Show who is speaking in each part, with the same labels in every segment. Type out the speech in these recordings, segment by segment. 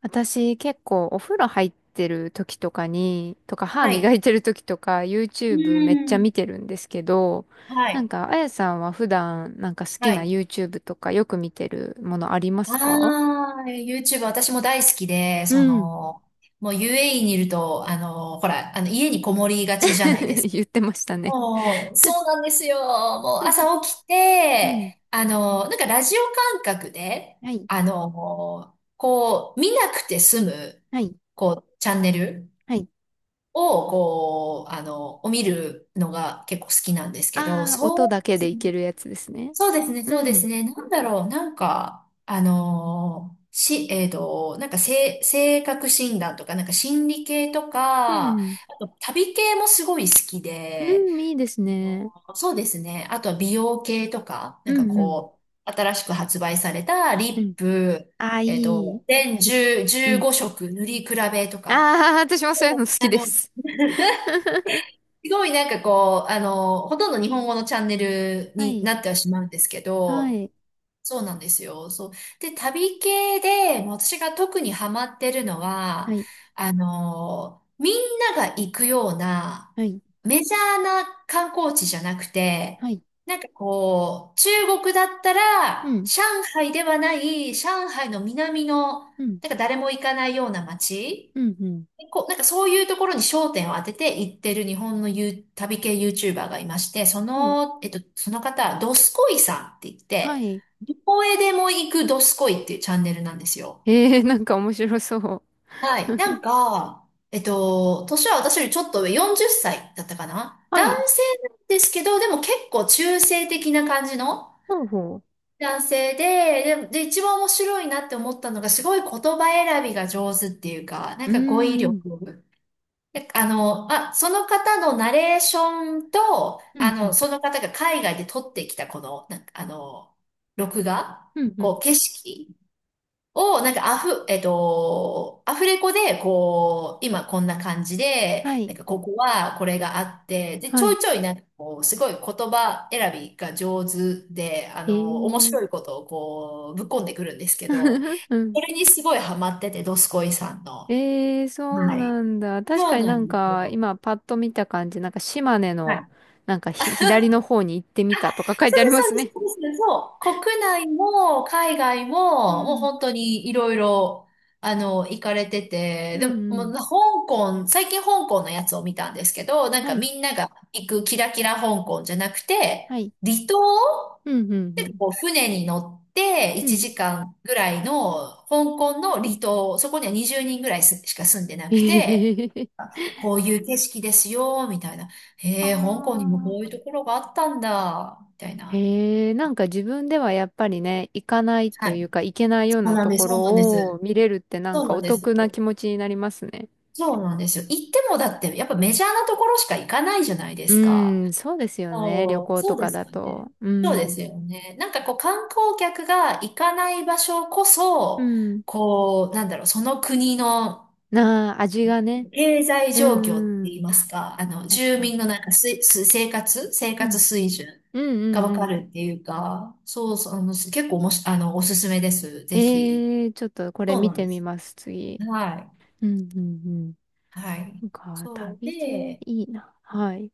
Speaker 1: 私結構お風呂入ってる時とかに、とか歯
Speaker 2: は
Speaker 1: 磨
Speaker 2: い。
Speaker 1: いてる時とか
Speaker 2: う
Speaker 1: YouTube めっ
Speaker 2: ー
Speaker 1: ちゃ見
Speaker 2: ん。
Speaker 1: てるんですけど、
Speaker 2: は
Speaker 1: なん
Speaker 2: い。
Speaker 1: かあやさんは普段なんか好き
Speaker 2: は
Speaker 1: な
Speaker 2: い。
Speaker 1: YouTube とかよく見てるものありま
Speaker 2: あ
Speaker 1: すか？
Speaker 2: あ、YouTube 私も大好きで、
Speaker 1: うん。
Speaker 2: もう UAE にいると、ほら、家にこもりがちじゃないです か。
Speaker 1: 言ってましたね。
Speaker 2: もう、そうなんですよ。もう 朝起き
Speaker 1: うん。
Speaker 2: て、なんかラジオ感覚で、
Speaker 1: はい。
Speaker 2: こう、見なくて済む、
Speaker 1: はい。
Speaker 2: こう、チャンネル
Speaker 1: はい。
Speaker 2: を、こう、あの、を見るのが結構好きなんですけど、
Speaker 1: ああ、音
Speaker 2: そ
Speaker 1: だ
Speaker 2: う、
Speaker 1: けでいけるやつですね。
Speaker 2: そうですね、そう
Speaker 1: う
Speaker 2: で
Speaker 1: ん。
Speaker 2: すね。なんだろう、なんか、あのーし、えっと、なんか、性格診断とか、なんか心理系と
Speaker 1: う
Speaker 2: か、あ
Speaker 1: ん。
Speaker 2: と旅系もすごい好きで、
Speaker 1: うん、いいですね。
Speaker 2: そうですね。あとは美容系とか、な
Speaker 1: う
Speaker 2: んか
Speaker 1: ん、うん。
Speaker 2: こう、新しく発売された
Speaker 1: う
Speaker 2: リ
Speaker 1: ん。
Speaker 2: ップ、
Speaker 1: ああ、いい。
Speaker 2: 全10、
Speaker 1: うん。
Speaker 2: 15色塗り比べとか、
Speaker 1: ああ、私もそういうの
Speaker 2: あ
Speaker 1: 好き
Speaker 2: の、
Speaker 1: で す。
Speaker 2: すごいなんかこう、ほとんど日本語のチャンネル
Speaker 1: は
Speaker 2: に
Speaker 1: い、
Speaker 2: なってはしまうんですけ
Speaker 1: は
Speaker 2: ど、
Speaker 1: い、
Speaker 2: そうなんですよ。そう。で、旅系で、もう私が特にハマってるの
Speaker 1: は
Speaker 2: は、
Speaker 1: い、
Speaker 2: みんなが行くような、
Speaker 1: はい、
Speaker 2: メジャーな観光地じゃなくて、
Speaker 1: はい、
Speaker 2: なんかこう、中国だった
Speaker 1: う
Speaker 2: ら、
Speaker 1: ん、
Speaker 2: 上海ではない、上海の南の、な
Speaker 1: うん、
Speaker 2: んか誰も行かないような街
Speaker 1: うん、うん、
Speaker 2: こう、なんかそういうところに焦点を当てて行ってる日本のゆう旅系 YouTuber がいまして、
Speaker 1: うん、
Speaker 2: その方、ドスコイさんって言っ
Speaker 1: は
Speaker 2: て、
Speaker 1: い。
Speaker 2: どこへでも行くドスコイっていうチャンネルなんですよ。
Speaker 1: えー、なんか面白そう。
Speaker 2: はい。なんか、年は私よりちょっと上、40歳だったかな
Speaker 1: は
Speaker 2: 男
Speaker 1: い、
Speaker 2: 性なんですけど、でも結構中性的な感じの
Speaker 1: ほうほ
Speaker 2: 男性で、一番面白いなって思ったのが、すごい言葉選びが上手っていうか、なん
Speaker 1: う。う
Speaker 2: か語彙
Speaker 1: ーん、
Speaker 2: 力。で、その方のナレーションと、
Speaker 1: うん、うん、
Speaker 2: その方が海外で撮ってきたこの、なんか、録画、
Speaker 1: うん、う
Speaker 2: こ
Speaker 1: ん、
Speaker 2: う、景色を、なんかアフ、えっと、アフレコで、こう、今こんな感じで、
Speaker 1: はい、
Speaker 2: なんかここはこれがあって、で、ち
Speaker 1: は
Speaker 2: ょい
Speaker 1: い、
Speaker 2: ちょいなんかこう、すごい言葉選びが上手で、
Speaker 1: え
Speaker 2: 面
Speaker 1: ー、
Speaker 2: 白いことをこう、ぶっこんでくるんですけど、
Speaker 1: う
Speaker 2: こ
Speaker 1: ん。
Speaker 2: れにすごいハマってて、ドスコイさんの。
Speaker 1: えー、そう
Speaker 2: は
Speaker 1: な
Speaker 2: い。
Speaker 1: んだ。確
Speaker 2: そ
Speaker 1: か
Speaker 2: う
Speaker 1: に
Speaker 2: な
Speaker 1: なん
Speaker 2: んです
Speaker 1: か、
Speaker 2: よ。
Speaker 1: 今パッと見た感じ、なんか島根
Speaker 2: は
Speaker 1: の、
Speaker 2: い。
Speaker 1: なんかひ、左の方に行ってみたとか書い
Speaker 2: そ
Speaker 1: てあ
Speaker 2: う
Speaker 1: り
Speaker 2: です、
Speaker 1: ま
Speaker 2: そう
Speaker 1: す
Speaker 2: です、
Speaker 1: ね。
Speaker 2: そうです。そう。国内も海外
Speaker 1: う
Speaker 2: も、もう
Speaker 1: ん、
Speaker 2: 本当にいろいろ、行かれて
Speaker 1: う
Speaker 2: て、
Speaker 1: ん、
Speaker 2: で
Speaker 1: う
Speaker 2: も、もう
Speaker 1: ん、
Speaker 2: 最近香港のやつを見たんですけど、なん
Speaker 1: は
Speaker 2: か
Speaker 1: い、
Speaker 2: みんなが行くキラキラ香港じゃなくて、
Speaker 1: はい、
Speaker 2: 離島
Speaker 1: うん、うん、うん、
Speaker 2: を船に乗って
Speaker 1: う
Speaker 2: 1
Speaker 1: ん。
Speaker 2: 時間ぐらいの香港の離島、そこには20人ぐらいしか住んでな
Speaker 1: え
Speaker 2: く
Speaker 1: へへ
Speaker 2: て、
Speaker 1: へへ。
Speaker 2: こういう景色ですよ、みたいな。
Speaker 1: あ
Speaker 2: へえ、香港にもこういう
Speaker 1: あ、
Speaker 2: ところがあったんだ、みたいな。
Speaker 1: へえ、なんか自分ではやっぱりね、行かない
Speaker 2: は
Speaker 1: とい
Speaker 2: い。
Speaker 1: うか、行けないよ
Speaker 2: そ
Speaker 1: う
Speaker 2: う
Speaker 1: な
Speaker 2: なん
Speaker 1: と
Speaker 2: です、
Speaker 1: こ
Speaker 2: そうなんで
Speaker 1: ろを
Speaker 2: す。
Speaker 1: 見れるってなん
Speaker 2: そう
Speaker 1: か
Speaker 2: な
Speaker 1: お
Speaker 2: んです
Speaker 1: 得な
Speaker 2: よ。
Speaker 1: 気持ちになりますね。
Speaker 2: そうなんですよ。行ってもだって、やっぱメジャーなところしか行かないじゃないで
Speaker 1: う
Speaker 2: すか。
Speaker 1: ん、そうですよね。旅
Speaker 2: そう、
Speaker 1: 行
Speaker 2: そ
Speaker 1: と
Speaker 2: うで
Speaker 1: か
Speaker 2: す
Speaker 1: だ
Speaker 2: よね。
Speaker 1: と。う
Speaker 2: そうで
Speaker 1: ん。
Speaker 2: すよね。なんかこう観光客が行かない場所こ
Speaker 1: う
Speaker 2: そ、
Speaker 1: ん。
Speaker 2: こう、なんだろう、その国の
Speaker 1: なあ、味がね。
Speaker 2: 経済
Speaker 1: う
Speaker 2: 状況って
Speaker 1: ん、う
Speaker 2: 言い
Speaker 1: ん。
Speaker 2: ますか、
Speaker 1: 確
Speaker 2: 住
Speaker 1: か
Speaker 2: 民の
Speaker 1: に。
Speaker 2: なんかす、す、生活、生
Speaker 1: う
Speaker 2: 活
Speaker 1: ん。
Speaker 2: 水準
Speaker 1: うん、
Speaker 2: が
Speaker 1: うん、
Speaker 2: わか
Speaker 1: う
Speaker 2: るっていうか、そうそう、結構おもし、あの、おすすめです。
Speaker 1: ん。
Speaker 2: ぜひ。
Speaker 1: えー、ちょっとこれ
Speaker 2: そう
Speaker 1: 見
Speaker 2: なん
Speaker 1: て
Speaker 2: で
Speaker 1: み
Speaker 2: す。
Speaker 1: ます、次。
Speaker 2: はい。
Speaker 1: うん、うん、うん。
Speaker 2: はい。
Speaker 1: なんか、
Speaker 2: そう
Speaker 1: 旅系い
Speaker 2: で、
Speaker 1: いな。はい。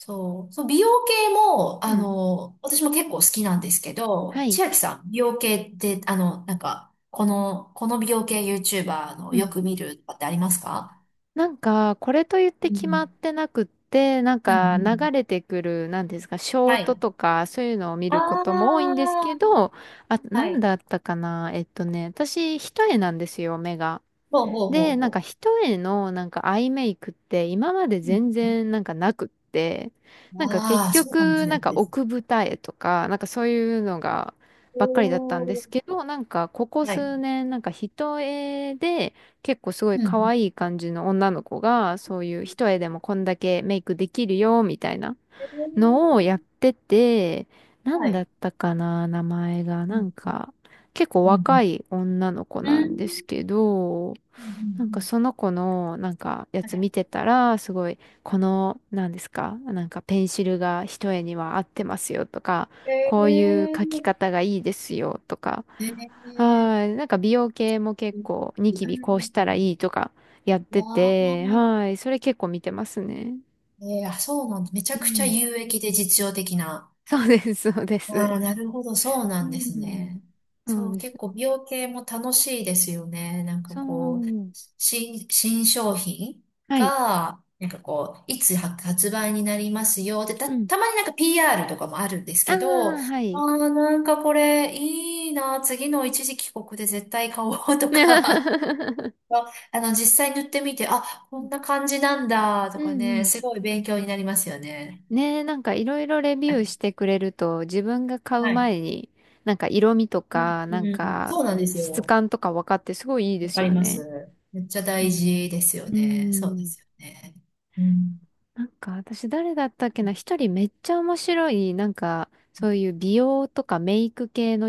Speaker 2: そう、そう、美容系も、
Speaker 1: うん。
Speaker 2: 私も結構好きなんですけ
Speaker 1: は
Speaker 2: ど、
Speaker 1: い。
Speaker 2: 千秋さん、美容系って、なんか、この美容系 YouTuber の
Speaker 1: う
Speaker 2: よ
Speaker 1: ん。
Speaker 2: く見るとかってありますか？
Speaker 1: なんか、これと言って
Speaker 2: う
Speaker 1: 決まっ
Speaker 2: ん。
Speaker 1: てなくって、なん
Speaker 2: うんう
Speaker 1: か
Speaker 2: ん。
Speaker 1: 流れてくる、なんですか、ショー
Speaker 2: は
Speaker 1: ト
Speaker 2: い。
Speaker 1: とか、そういうのを見
Speaker 2: あ
Speaker 1: ることも多いんですけ
Speaker 2: あ、
Speaker 1: ど、あ、
Speaker 2: は
Speaker 1: なん
Speaker 2: い。
Speaker 1: だったかな私、一重なんですよ、目が。
Speaker 2: ほうほうほう
Speaker 1: で、なんか
Speaker 2: ほ
Speaker 1: 一重のなんかアイメイクって今まで
Speaker 2: う。う
Speaker 1: 全
Speaker 2: ん。
Speaker 1: 然なんかなくって、なんか結
Speaker 2: ああ、そうかもし
Speaker 1: 局
Speaker 2: れ
Speaker 1: な
Speaker 2: な
Speaker 1: ん
Speaker 2: い
Speaker 1: か
Speaker 2: です。
Speaker 1: 奥二重とか、なんかそういうのが
Speaker 2: お
Speaker 1: ばっかりだったんです
Speaker 2: ー、
Speaker 1: けど、なんかここ
Speaker 2: はい。
Speaker 1: 数年なんか一重で結構すごい
Speaker 2: う
Speaker 1: 可
Speaker 2: ん。
Speaker 1: 愛い感じの女の子がそういう一重でもこんだけメイクできるよみたいな
Speaker 2: え
Speaker 1: のをやっ
Speaker 2: ー、
Speaker 1: てて、な
Speaker 2: は
Speaker 1: んだ
Speaker 2: い。
Speaker 1: ったかな、名前が。
Speaker 2: う
Speaker 1: なん
Speaker 2: ん
Speaker 1: か結構
Speaker 2: うん
Speaker 1: 若い女の子
Speaker 2: うん
Speaker 1: な
Speaker 2: うん。う
Speaker 1: んです
Speaker 2: ん
Speaker 1: けど、
Speaker 2: う
Speaker 1: なんか
Speaker 2: ん
Speaker 1: その子のなんかや
Speaker 2: う
Speaker 1: つ見
Speaker 2: ん。
Speaker 1: てたら、すごい、この、なんですか、なんかペンシルが一重には合ってますよとか、
Speaker 2: え
Speaker 1: こういう
Speaker 2: え
Speaker 1: 書き
Speaker 2: ー。
Speaker 1: 方がいいですよとか、
Speaker 2: ええ。
Speaker 1: はい、なんか美容系も
Speaker 2: う
Speaker 1: 結
Speaker 2: ん
Speaker 1: 構ニキビこうした
Speaker 2: う
Speaker 1: ら
Speaker 2: ん。
Speaker 1: いいとかやって
Speaker 2: わ
Speaker 1: て、
Speaker 2: あ、
Speaker 1: はい、それ結構見てますね。
Speaker 2: えー、あ、そうなんだ。めち
Speaker 1: う
Speaker 2: ゃくちゃ
Speaker 1: ん。
Speaker 2: 有益で実用的な。
Speaker 1: そうです、そうで
Speaker 2: あ
Speaker 1: す。
Speaker 2: あ、なるほど、そう
Speaker 1: う
Speaker 2: なんです
Speaker 1: ん。
Speaker 2: ね。
Speaker 1: そ
Speaker 2: そ
Speaker 1: う
Speaker 2: う、
Speaker 1: で
Speaker 2: 結
Speaker 1: す。
Speaker 2: 構美容系も楽しいですよね。なんか
Speaker 1: そ
Speaker 2: こう、
Speaker 1: う。
Speaker 2: 新商品
Speaker 1: はい。
Speaker 2: が、なんかこう、いつ発売になりますよ。で、た、
Speaker 1: うん。
Speaker 2: たまになんか PR とかもあるんです
Speaker 1: ああ、
Speaker 2: けど、あ
Speaker 1: はい。
Speaker 2: あ、なんかこれいいな。次の一時帰国で絶対買おうと か。あ、
Speaker 1: う
Speaker 2: 実際塗ってみて、あ、こんな感じなんだ、
Speaker 1: ん
Speaker 2: とか
Speaker 1: う
Speaker 2: ね、
Speaker 1: ん。
Speaker 2: すごい勉強になりますよね。
Speaker 1: ねえ、なんかいろいろレビ
Speaker 2: は
Speaker 1: ュー
Speaker 2: い。
Speaker 1: してくれると自分が買う
Speaker 2: はい。
Speaker 1: 前になんか色味と
Speaker 2: う
Speaker 1: かな
Speaker 2: ん、
Speaker 1: ん
Speaker 2: うんそ
Speaker 1: か
Speaker 2: うなんです
Speaker 1: 質
Speaker 2: よ。
Speaker 1: 感とか分かってすごいいいで
Speaker 2: わ
Speaker 1: す
Speaker 2: かり
Speaker 1: よ
Speaker 2: ま
Speaker 1: ね。
Speaker 2: す。めっちゃ
Speaker 1: う
Speaker 2: 大
Speaker 1: ん。
Speaker 2: 事ですよ
Speaker 1: うー
Speaker 2: ね。そうで
Speaker 1: ん。
Speaker 2: すよね。うん。
Speaker 1: なんか私誰だったっけな、一人めっちゃ面白いなんかそういう美容とかメイク系の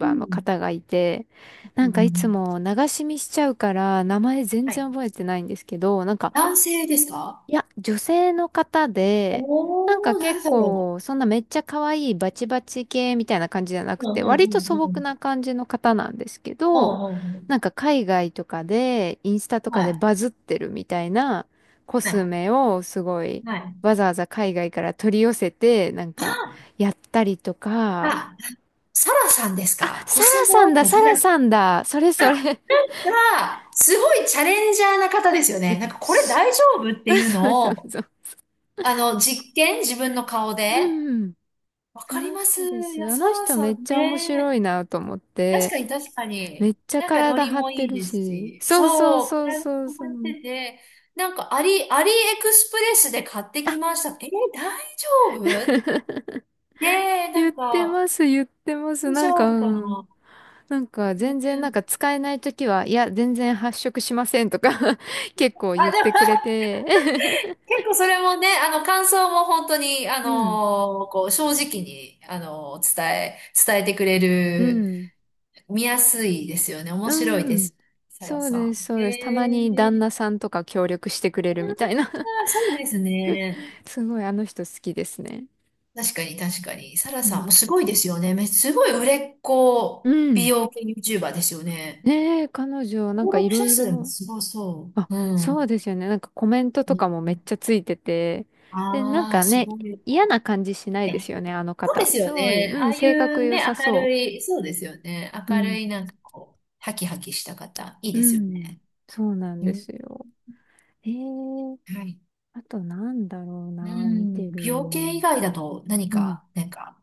Speaker 2: う
Speaker 1: の
Speaker 2: ん。
Speaker 1: 方がいて、な
Speaker 2: う
Speaker 1: んかいつ
Speaker 2: ん。
Speaker 1: も流し見しちゃうから名前全
Speaker 2: はい。
Speaker 1: 然覚えてないんですけど、なんか
Speaker 2: 男性ですか？
Speaker 1: いや、女性の方で、なんか
Speaker 2: おー、
Speaker 1: 結
Speaker 2: 誰だろ
Speaker 1: 構、そんなめっちゃ可愛いバチバチ系みたいな感じじゃなく
Speaker 2: う。う
Speaker 1: て、
Speaker 2: んう
Speaker 1: 割と
Speaker 2: ん
Speaker 1: 素
Speaker 2: うんう
Speaker 1: 朴
Speaker 2: ん。
Speaker 1: な感じの方なんですけ
Speaker 2: う
Speaker 1: ど、
Speaker 2: んうんうん。
Speaker 1: なんか海外とかで、インスタとか
Speaker 2: は
Speaker 1: で
Speaker 2: い。
Speaker 1: バズってるみたいなコ
Speaker 2: は
Speaker 1: ス
Speaker 2: い。
Speaker 1: メをすごい、
Speaker 2: はい。
Speaker 1: わざわざ海外から取り寄せて、なん
Speaker 2: あ、
Speaker 1: か、やったりとか、
Speaker 2: あ、サラさんです
Speaker 1: あ、
Speaker 2: か？コ
Speaker 1: サ
Speaker 2: ス
Speaker 1: ラさ
Speaker 2: モ
Speaker 1: んだ、
Speaker 2: ータ
Speaker 1: サ
Speaker 2: サ
Speaker 1: ラ
Speaker 2: ラ。
Speaker 1: さんだ、それそれ。
Speaker 2: が、すごいチャレンジャーな方ですよ
Speaker 1: え、
Speaker 2: ね。なんかこれ
Speaker 1: す、
Speaker 2: 大丈夫っていう
Speaker 1: そう
Speaker 2: の
Speaker 1: そ
Speaker 2: を、
Speaker 1: うそう。
Speaker 2: 実験、自分の顔で。
Speaker 1: うん。
Speaker 2: わ
Speaker 1: そ
Speaker 2: かり
Speaker 1: の
Speaker 2: ます。
Speaker 1: 人で
Speaker 2: い
Speaker 1: す。
Speaker 2: や、
Speaker 1: あ
Speaker 2: サ
Speaker 1: の
Speaker 2: ラ
Speaker 1: 人
Speaker 2: さ
Speaker 1: めっ
Speaker 2: ん
Speaker 1: ちゃ面白
Speaker 2: ね。
Speaker 1: いなと思っ
Speaker 2: 確
Speaker 1: て、
Speaker 2: かに、確か
Speaker 1: め
Speaker 2: に。
Speaker 1: っちゃ
Speaker 2: なんかノ
Speaker 1: 体
Speaker 2: リ
Speaker 1: 張っ
Speaker 2: も
Speaker 1: て
Speaker 2: いい
Speaker 1: る
Speaker 2: です
Speaker 1: し。
Speaker 2: し。
Speaker 1: そうそう
Speaker 2: そう、
Speaker 1: そう
Speaker 2: 体
Speaker 1: そう
Speaker 2: も
Speaker 1: そ
Speaker 2: 張っ
Speaker 1: う。
Speaker 2: てて、なんかアリエクスプレスで買って
Speaker 1: あ。
Speaker 2: きました。えー、大丈夫。 ねえ、な
Speaker 1: 言っ
Speaker 2: ん
Speaker 1: て
Speaker 2: か、
Speaker 1: ます、言ってます。
Speaker 2: 大
Speaker 1: なん
Speaker 2: 丈
Speaker 1: か、
Speaker 2: 夫
Speaker 1: う
Speaker 2: かな？
Speaker 1: ん。なんか
Speaker 2: ね
Speaker 1: 全然
Speaker 2: え。
Speaker 1: なんか使えないときは、いや、全然発色しませんとか 結構
Speaker 2: あ、
Speaker 1: 言っ
Speaker 2: でも
Speaker 1: てくれて
Speaker 2: 結構それもね、感想も本当に、
Speaker 1: うん、
Speaker 2: 正直に、伝えてくれ
Speaker 1: う
Speaker 2: る、
Speaker 1: ん、
Speaker 2: 見やすいですよね。面
Speaker 1: う
Speaker 2: 白いで
Speaker 1: ん。
Speaker 2: す。サラ
Speaker 1: そう
Speaker 2: さ
Speaker 1: です、そ
Speaker 2: ん。
Speaker 1: う
Speaker 2: へ
Speaker 1: です。たまに旦
Speaker 2: え、
Speaker 1: 那さんとか協力してくれるみたいな。
Speaker 2: あー、そうですね。
Speaker 1: すごいあの人好きですね。
Speaker 2: 確かに、確かに。サラ
Speaker 1: う
Speaker 2: さん
Speaker 1: ん。
Speaker 2: もすごいですよね。すごい売れっ
Speaker 1: う
Speaker 2: 子美
Speaker 1: ん。
Speaker 2: 容系 YouTuber ですよね。
Speaker 1: ねえ、彼女、なん
Speaker 2: 登
Speaker 1: かい
Speaker 2: 録
Speaker 1: ろ
Speaker 2: 者
Speaker 1: い
Speaker 2: 数も
Speaker 1: ろ、
Speaker 2: すごそ
Speaker 1: あ、
Speaker 2: う。う
Speaker 1: そう
Speaker 2: ん。
Speaker 1: ですよね。なんかコメントとかもめっちゃついてて、で、なん
Speaker 2: ああー、
Speaker 1: か
Speaker 2: す
Speaker 1: ね、
Speaker 2: ごい。
Speaker 1: 嫌な感じしないですよね、あの
Speaker 2: そうで
Speaker 1: 方。
Speaker 2: すよ
Speaker 1: すごい、
Speaker 2: ね。
Speaker 1: う
Speaker 2: あ
Speaker 1: ん、
Speaker 2: あい
Speaker 1: 性格
Speaker 2: う
Speaker 1: 良
Speaker 2: ね、
Speaker 1: さ
Speaker 2: 明
Speaker 1: そ
Speaker 2: るい、そうですよね。
Speaker 1: う。う
Speaker 2: 明
Speaker 1: ん、
Speaker 2: るい、なんかこう、ハキハキした方、いい
Speaker 1: う
Speaker 2: ですよ
Speaker 1: ん、
Speaker 2: ね。
Speaker 1: そうなん
Speaker 2: う
Speaker 1: で
Speaker 2: ん。
Speaker 1: すよ。えー、
Speaker 2: はい。
Speaker 1: あとなんだろう
Speaker 2: う
Speaker 1: な、見て
Speaker 2: ん。美
Speaker 1: る
Speaker 2: 容
Speaker 1: の。
Speaker 2: 系以外だと何
Speaker 1: うん。
Speaker 2: か、なんか、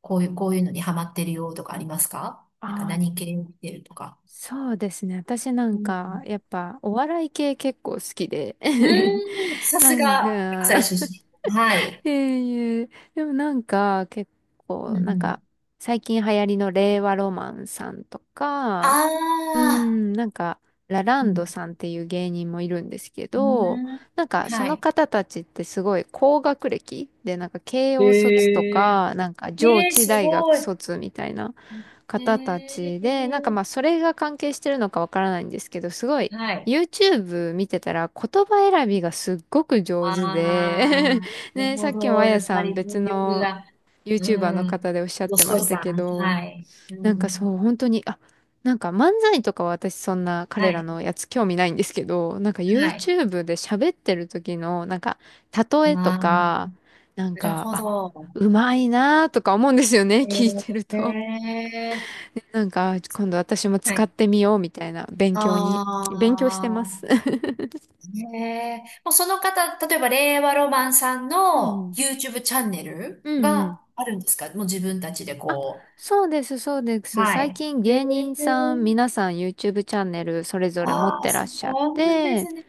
Speaker 2: こういうのにハマってるよとかありますか？なんか
Speaker 1: ああ、
Speaker 2: 何系を見てるとか。
Speaker 1: そうですね。私なん
Speaker 2: うん。
Speaker 1: か、やっぱ、お笑い系結構好きで。
Speaker 2: うん。さす
Speaker 1: なん
Speaker 2: が、
Speaker 1: か。
Speaker 2: 関西出身。はい。
Speaker 1: いえいえ、でもなんか結
Speaker 2: うん
Speaker 1: 構なん
Speaker 2: う
Speaker 1: か
Speaker 2: ん。
Speaker 1: 最近流行りの令和ロマンさんと
Speaker 2: あ
Speaker 1: か、うー
Speaker 2: あ。
Speaker 1: ん、なんか、ララ
Speaker 2: う
Speaker 1: ン
Speaker 2: ん。
Speaker 1: ドさんっていう芸人もいるんですけ
Speaker 2: う
Speaker 1: ど、
Speaker 2: ん。
Speaker 1: なんかそ
Speaker 2: は
Speaker 1: の
Speaker 2: い。
Speaker 1: 方たちってすごい高学歴で、なんか慶応卒と
Speaker 2: ええ
Speaker 1: か、なんか上
Speaker 2: ええ、
Speaker 1: 智
Speaker 2: す
Speaker 1: 大学
Speaker 2: ごい。
Speaker 1: 卒みたいな方た
Speaker 2: え
Speaker 1: ちで、なんか
Speaker 2: え、
Speaker 1: まあそれが関係してるのかわからないんですけど、すごい
Speaker 2: はい。
Speaker 1: YouTube 見てたら言葉選びがすっごく上
Speaker 2: あ
Speaker 1: 手
Speaker 2: あ、
Speaker 1: で
Speaker 2: なる
Speaker 1: ね、さ
Speaker 2: ほ
Speaker 1: っきもあ
Speaker 2: ど。や
Speaker 1: や
Speaker 2: っぱ
Speaker 1: さん
Speaker 2: り動
Speaker 1: 別
Speaker 2: 力
Speaker 1: の
Speaker 2: が、う
Speaker 1: YouTuber の
Speaker 2: ん。
Speaker 1: 方でおっしゃっ
Speaker 2: ど
Speaker 1: て
Speaker 2: す
Speaker 1: ま
Speaker 2: こい
Speaker 1: した
Speaker 2: さ
Speaker 1: け
Speaker 2: ん。
Speaker 1: ど、
Speaker 2: はい。う
Speaker 1: なんか
Speaker 2: ん。
Speaker 1: そう、本当に、あ、なんか漫才とかは私そんな
Speaker 2: は
Speaker 1: 彼ら
Speaker 2: い。
Speaker 1: のやつ興味ないんですけど、なんか
Speaker 2: はい。
Speaker 1: YouTube で喋ってる時の、なんか、例えと
Speaker 2: ああ、な
Speaker 1: か、なん
Speaker 2: る
Speaker 1: か、
Speaker 2: ほ
Speaker 1: あ、
Speaker 2: ど。
Speaker 1: うまいなーとか思うんですよね、聞いてると。
Speaker 2: ええ、
Speaker 1: なんか、今度私も
Speaker 2: は
Speaker 1: 使っ
Speaker 2: い。
Speaker 1: てみようみたいな
Speaker 2: あ
Speaker 1: 勉強してます。
Speaker 2: あ、ええ、もうその方、例えば令和ロマンさん
Speaker 1: うんう
Speaker 2: の
Speaker 1: ん。
Speaker 2: YouTube チャンネル
Speaker 1: うんう
Speaker 2: が
Speaker 1: ん。
Speaker 2: あるんですか？もう自分たちで
Speaker 1: あ、
Speaker 2: こ
Speaker 1: そうです、そうで
Speaker 2: う。
Speaker 1: す。
Speaker 2: は
Speaker 1: 最
Speaker 2: い。
Speaker 1: 近
Speaker 2: え
Speaker 1: 芸人さん、
Speaker 2: え、
Speaker 1: 皆さん YouTube チャンネルそれぞれ持っ
Speaker 2: ああ、
Speaker 1: てら
Speaker 2: そ
Speaker 1: っしゃっ
Speaker 2: うなんで
Speaker 1: て、
Speaker 2: すね。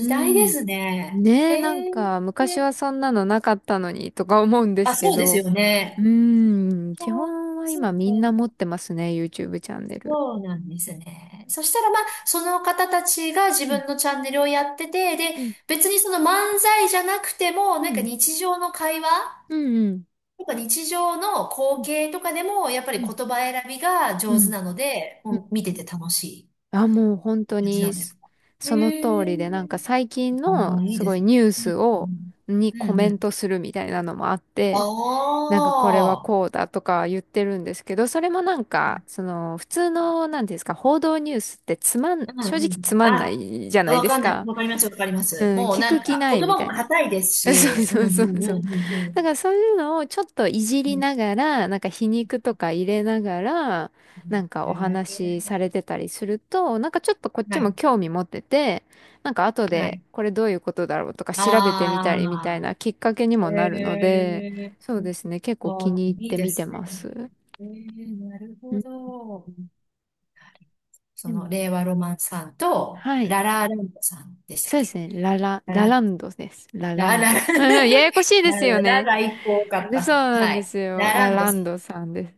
Speaker 1: う
Speaker 2: 代で
Speaker 1: ん。
Speaker 2: すね。
Speaker 1: ねえ、なん
Speaker 2: へえ。
Speaker 1: か昔はそんなのなかったのにとか思うんで
Speaker 2: あ、
Speaker 1: すけ
Speaker 2: そうです
Speaker 1: ど、
Speaker 2: よ
Speaker 1: う
Speaker 2: ね。
Speaker 1: ーん、
Speaker 2: いや
Speaker 1: 基
Speaker 2: ー、
Speaker 1: 本は
Speaker 2: そう
Speaker 1: 今みんな持
Speaker 2: か。
Speaker 1: ってますね、YouTube チャンネル。
Speaker 2: そうなんですね。そしたらまあ、その方たちが自
Speaker 1: うん、
Speaker 2: 分のチャンネルをやってて、で、
Speaker 1: うん、
Speaker 2: 別にその漫才じゃなくても、
Speaker 1: う
Speaker 2: なんか
Speaker 1: ん、
Speaker 2: 日常の会話
Speaker 1: うん、うん、
Speaker 2: とか日常の
Speaker 1: う
Speaker 2: 光
Speaker 1: ん、
Speaker 2: 景とかでも、やっぱり
Speaker 1: う
Speaker 2: 言
Speaker 1: ん、
Speaker 2: 葉選びが
Speaker 1: う
Speaker 2: 上手
Speaker 1: ん。
Speaker 2: なので、
Speaker 1: うん。
Speaker 2: もう見てて楽し
Speaker 1: あ、もう本当
Speaker 2: い感じな
Speaker 1: に
Speaker 2: んで
Speaker 1: そ
Speaker 2: すか？
Speaker 1: その
Speaker 2: へ
Speaker 1: 通りで、なんか
Speaker 2: え。
Speaker 1: 最近
Speaker 2: あ
Speaker 1: の
Speaker 2: あ、いい
Speaker 1: す
Speaker 2: で
Speaker 1: ご
Speaker 2: す
Speaker 1: いニュース
Speaker 2: ね。う
Speaker 1: を、
Speaker 2: ん
Speaker 1: に
Speaker 2: うん。
Speaker 1: コ
Speaker 2: うんう
Speaker 1: メン
Speaker 2: ん。
Speaker 1: トするみたいなのもあっ
Speaker 2: お
Speaker 1: て、なんかこれは
Speaker 2: お、
Speaker 1: こうだとか言ってるんですけど、それもなんか、その普通の、なんていうんですか、報道ニュースってつまん、
Speaker 2: う
Speaker 1: 正
Speaker 2: んう
Speaker 1: 直
Speaker 2: ん、
Speaker 1: つまんな
Speaker 2: あ、
Speaker 1: いじゃない
Speaker 2: 分
Speaker 1: です
Speaker 2: かんない、
Speaker 1: か。
Speaker 2: わかります、わかりま
Speaker 1: う
Speaker 2: す。
Speaker 1: ん、
Speaker 2: もう
Speaker 1: 聞
Speaker 2: な
Speaker 1: く
Speaker 2: ん
Speaker 1: 気
Speaker 2: か
Speaker 1: な
Speaker 2: 言
Speaker 1: いみ
Speaker 2: 葉
Speaker 1: た
Speaker 2: も
Speaker 1: いな。
Speaker 2: 硬いです
Speaker 1: そう
Speaker 2: し、う
Speaker 1: そ
Speaker 2: んう
Speaker 1: う
Speaker 2: ん
Speaker 1: そうそ
Speaker 2: う
Speaker 1: う。
Speaker 2: んうんう
Speaker 1: だ
Speaker 2: ん、
Speaker 1: からそういうのをちょっといじ
Speaker 2: う
Speaker 1: り
Speaker 2: ん
Speaker 1: ながら、なんか皮肉とか入れながら、なんか
Speaker 2: うん、
Speaker 1: お
Speaker 2: へ
Speaker 1: 話し
Speaker 2: え、
Speaker 1: されてたりすると、なんかちょっとこっち
Speaker 2: は
Speaker 1: も
Speaker 2: い
Speaker 1: 興味持ってて、なんか後
Speaker 2: は
Speaker 1: で
Speaker 2: い、
Speaker 1: これどういうことだろうとか調べてみた
Speaker 2: あ
Speaker 1: りみたいなきっかけに
Speaker 2: あ、へ
Speaker 1: もなるので、
Speaker 2: え、
Speaker 1: そうですね、結
Speaker 2: あ
Speaker 1: 構気
Speaker 2: ー、
Speaker 1: に入っ
Speaker 2: いい
Speaker 1: て
Speaker 2: で
Speaker 1: 見て
Speaker 2: す
Speaker 1: ま
Speaker 2: ね。
Speaker 1: す。
Speaker 2: ええ、なる
Speaker 1: う
Speaker 2: ほ
Speaker 1: ん。
Speaker 2: ど。そ
Speaker 1: で
Speaker 2: の
Speaker 1: も、
Speaker 2: レイワロマンさんと
Speaker 1: はい。
Speaker 2: ララランドさんでしたっ
Speaker 1: そうです
Speaker 2: け？
Speaker 1: ね。
Speaker 2: ラ
Speaker 1: ラ
Speaker 2: ラ
Speaker 1: ランドです。ララ
Speaker 2: ラ
Speaker 1: ン
Speaker 2: ラ
Speaker 1: ド。うんうん、ややこしい で
Speaker 2: ラ
Speaker 1: すよ
Speaker 2: ラララ
Speaker 1: ね。
Speaker 2: 最高かっ
Speaker 1: でそう
Speaker 2: た。
Speaker 1: なん
Speaker 2: は
Speaker 1: で
Speaker 2: い、
Speaker 1: すよ。
Speaker 2: ラ
Speaker 1: ラ
Speaker 2: ランド
Speaker 1: ラ
Speaker 2: さ
Speaker 1: ン
Speaker 2: ん。
Speaker 1: ドさんです。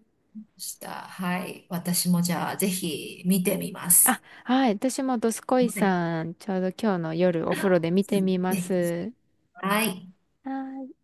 Speaker 2: した。はい。私もじゃあ、ぜひ見てみま
Speaker 1: あ、
Speaker 2: す。
Speaker 1: はい。私もドスコイ
Speaker 2: はい。
Speaker 1: さん、ちょうど今日の夜お風呂で見てみま
Speaker 2: ぜひ。
Speaker 1: す。
Speaker 2: はい。
Speaker 1: はい。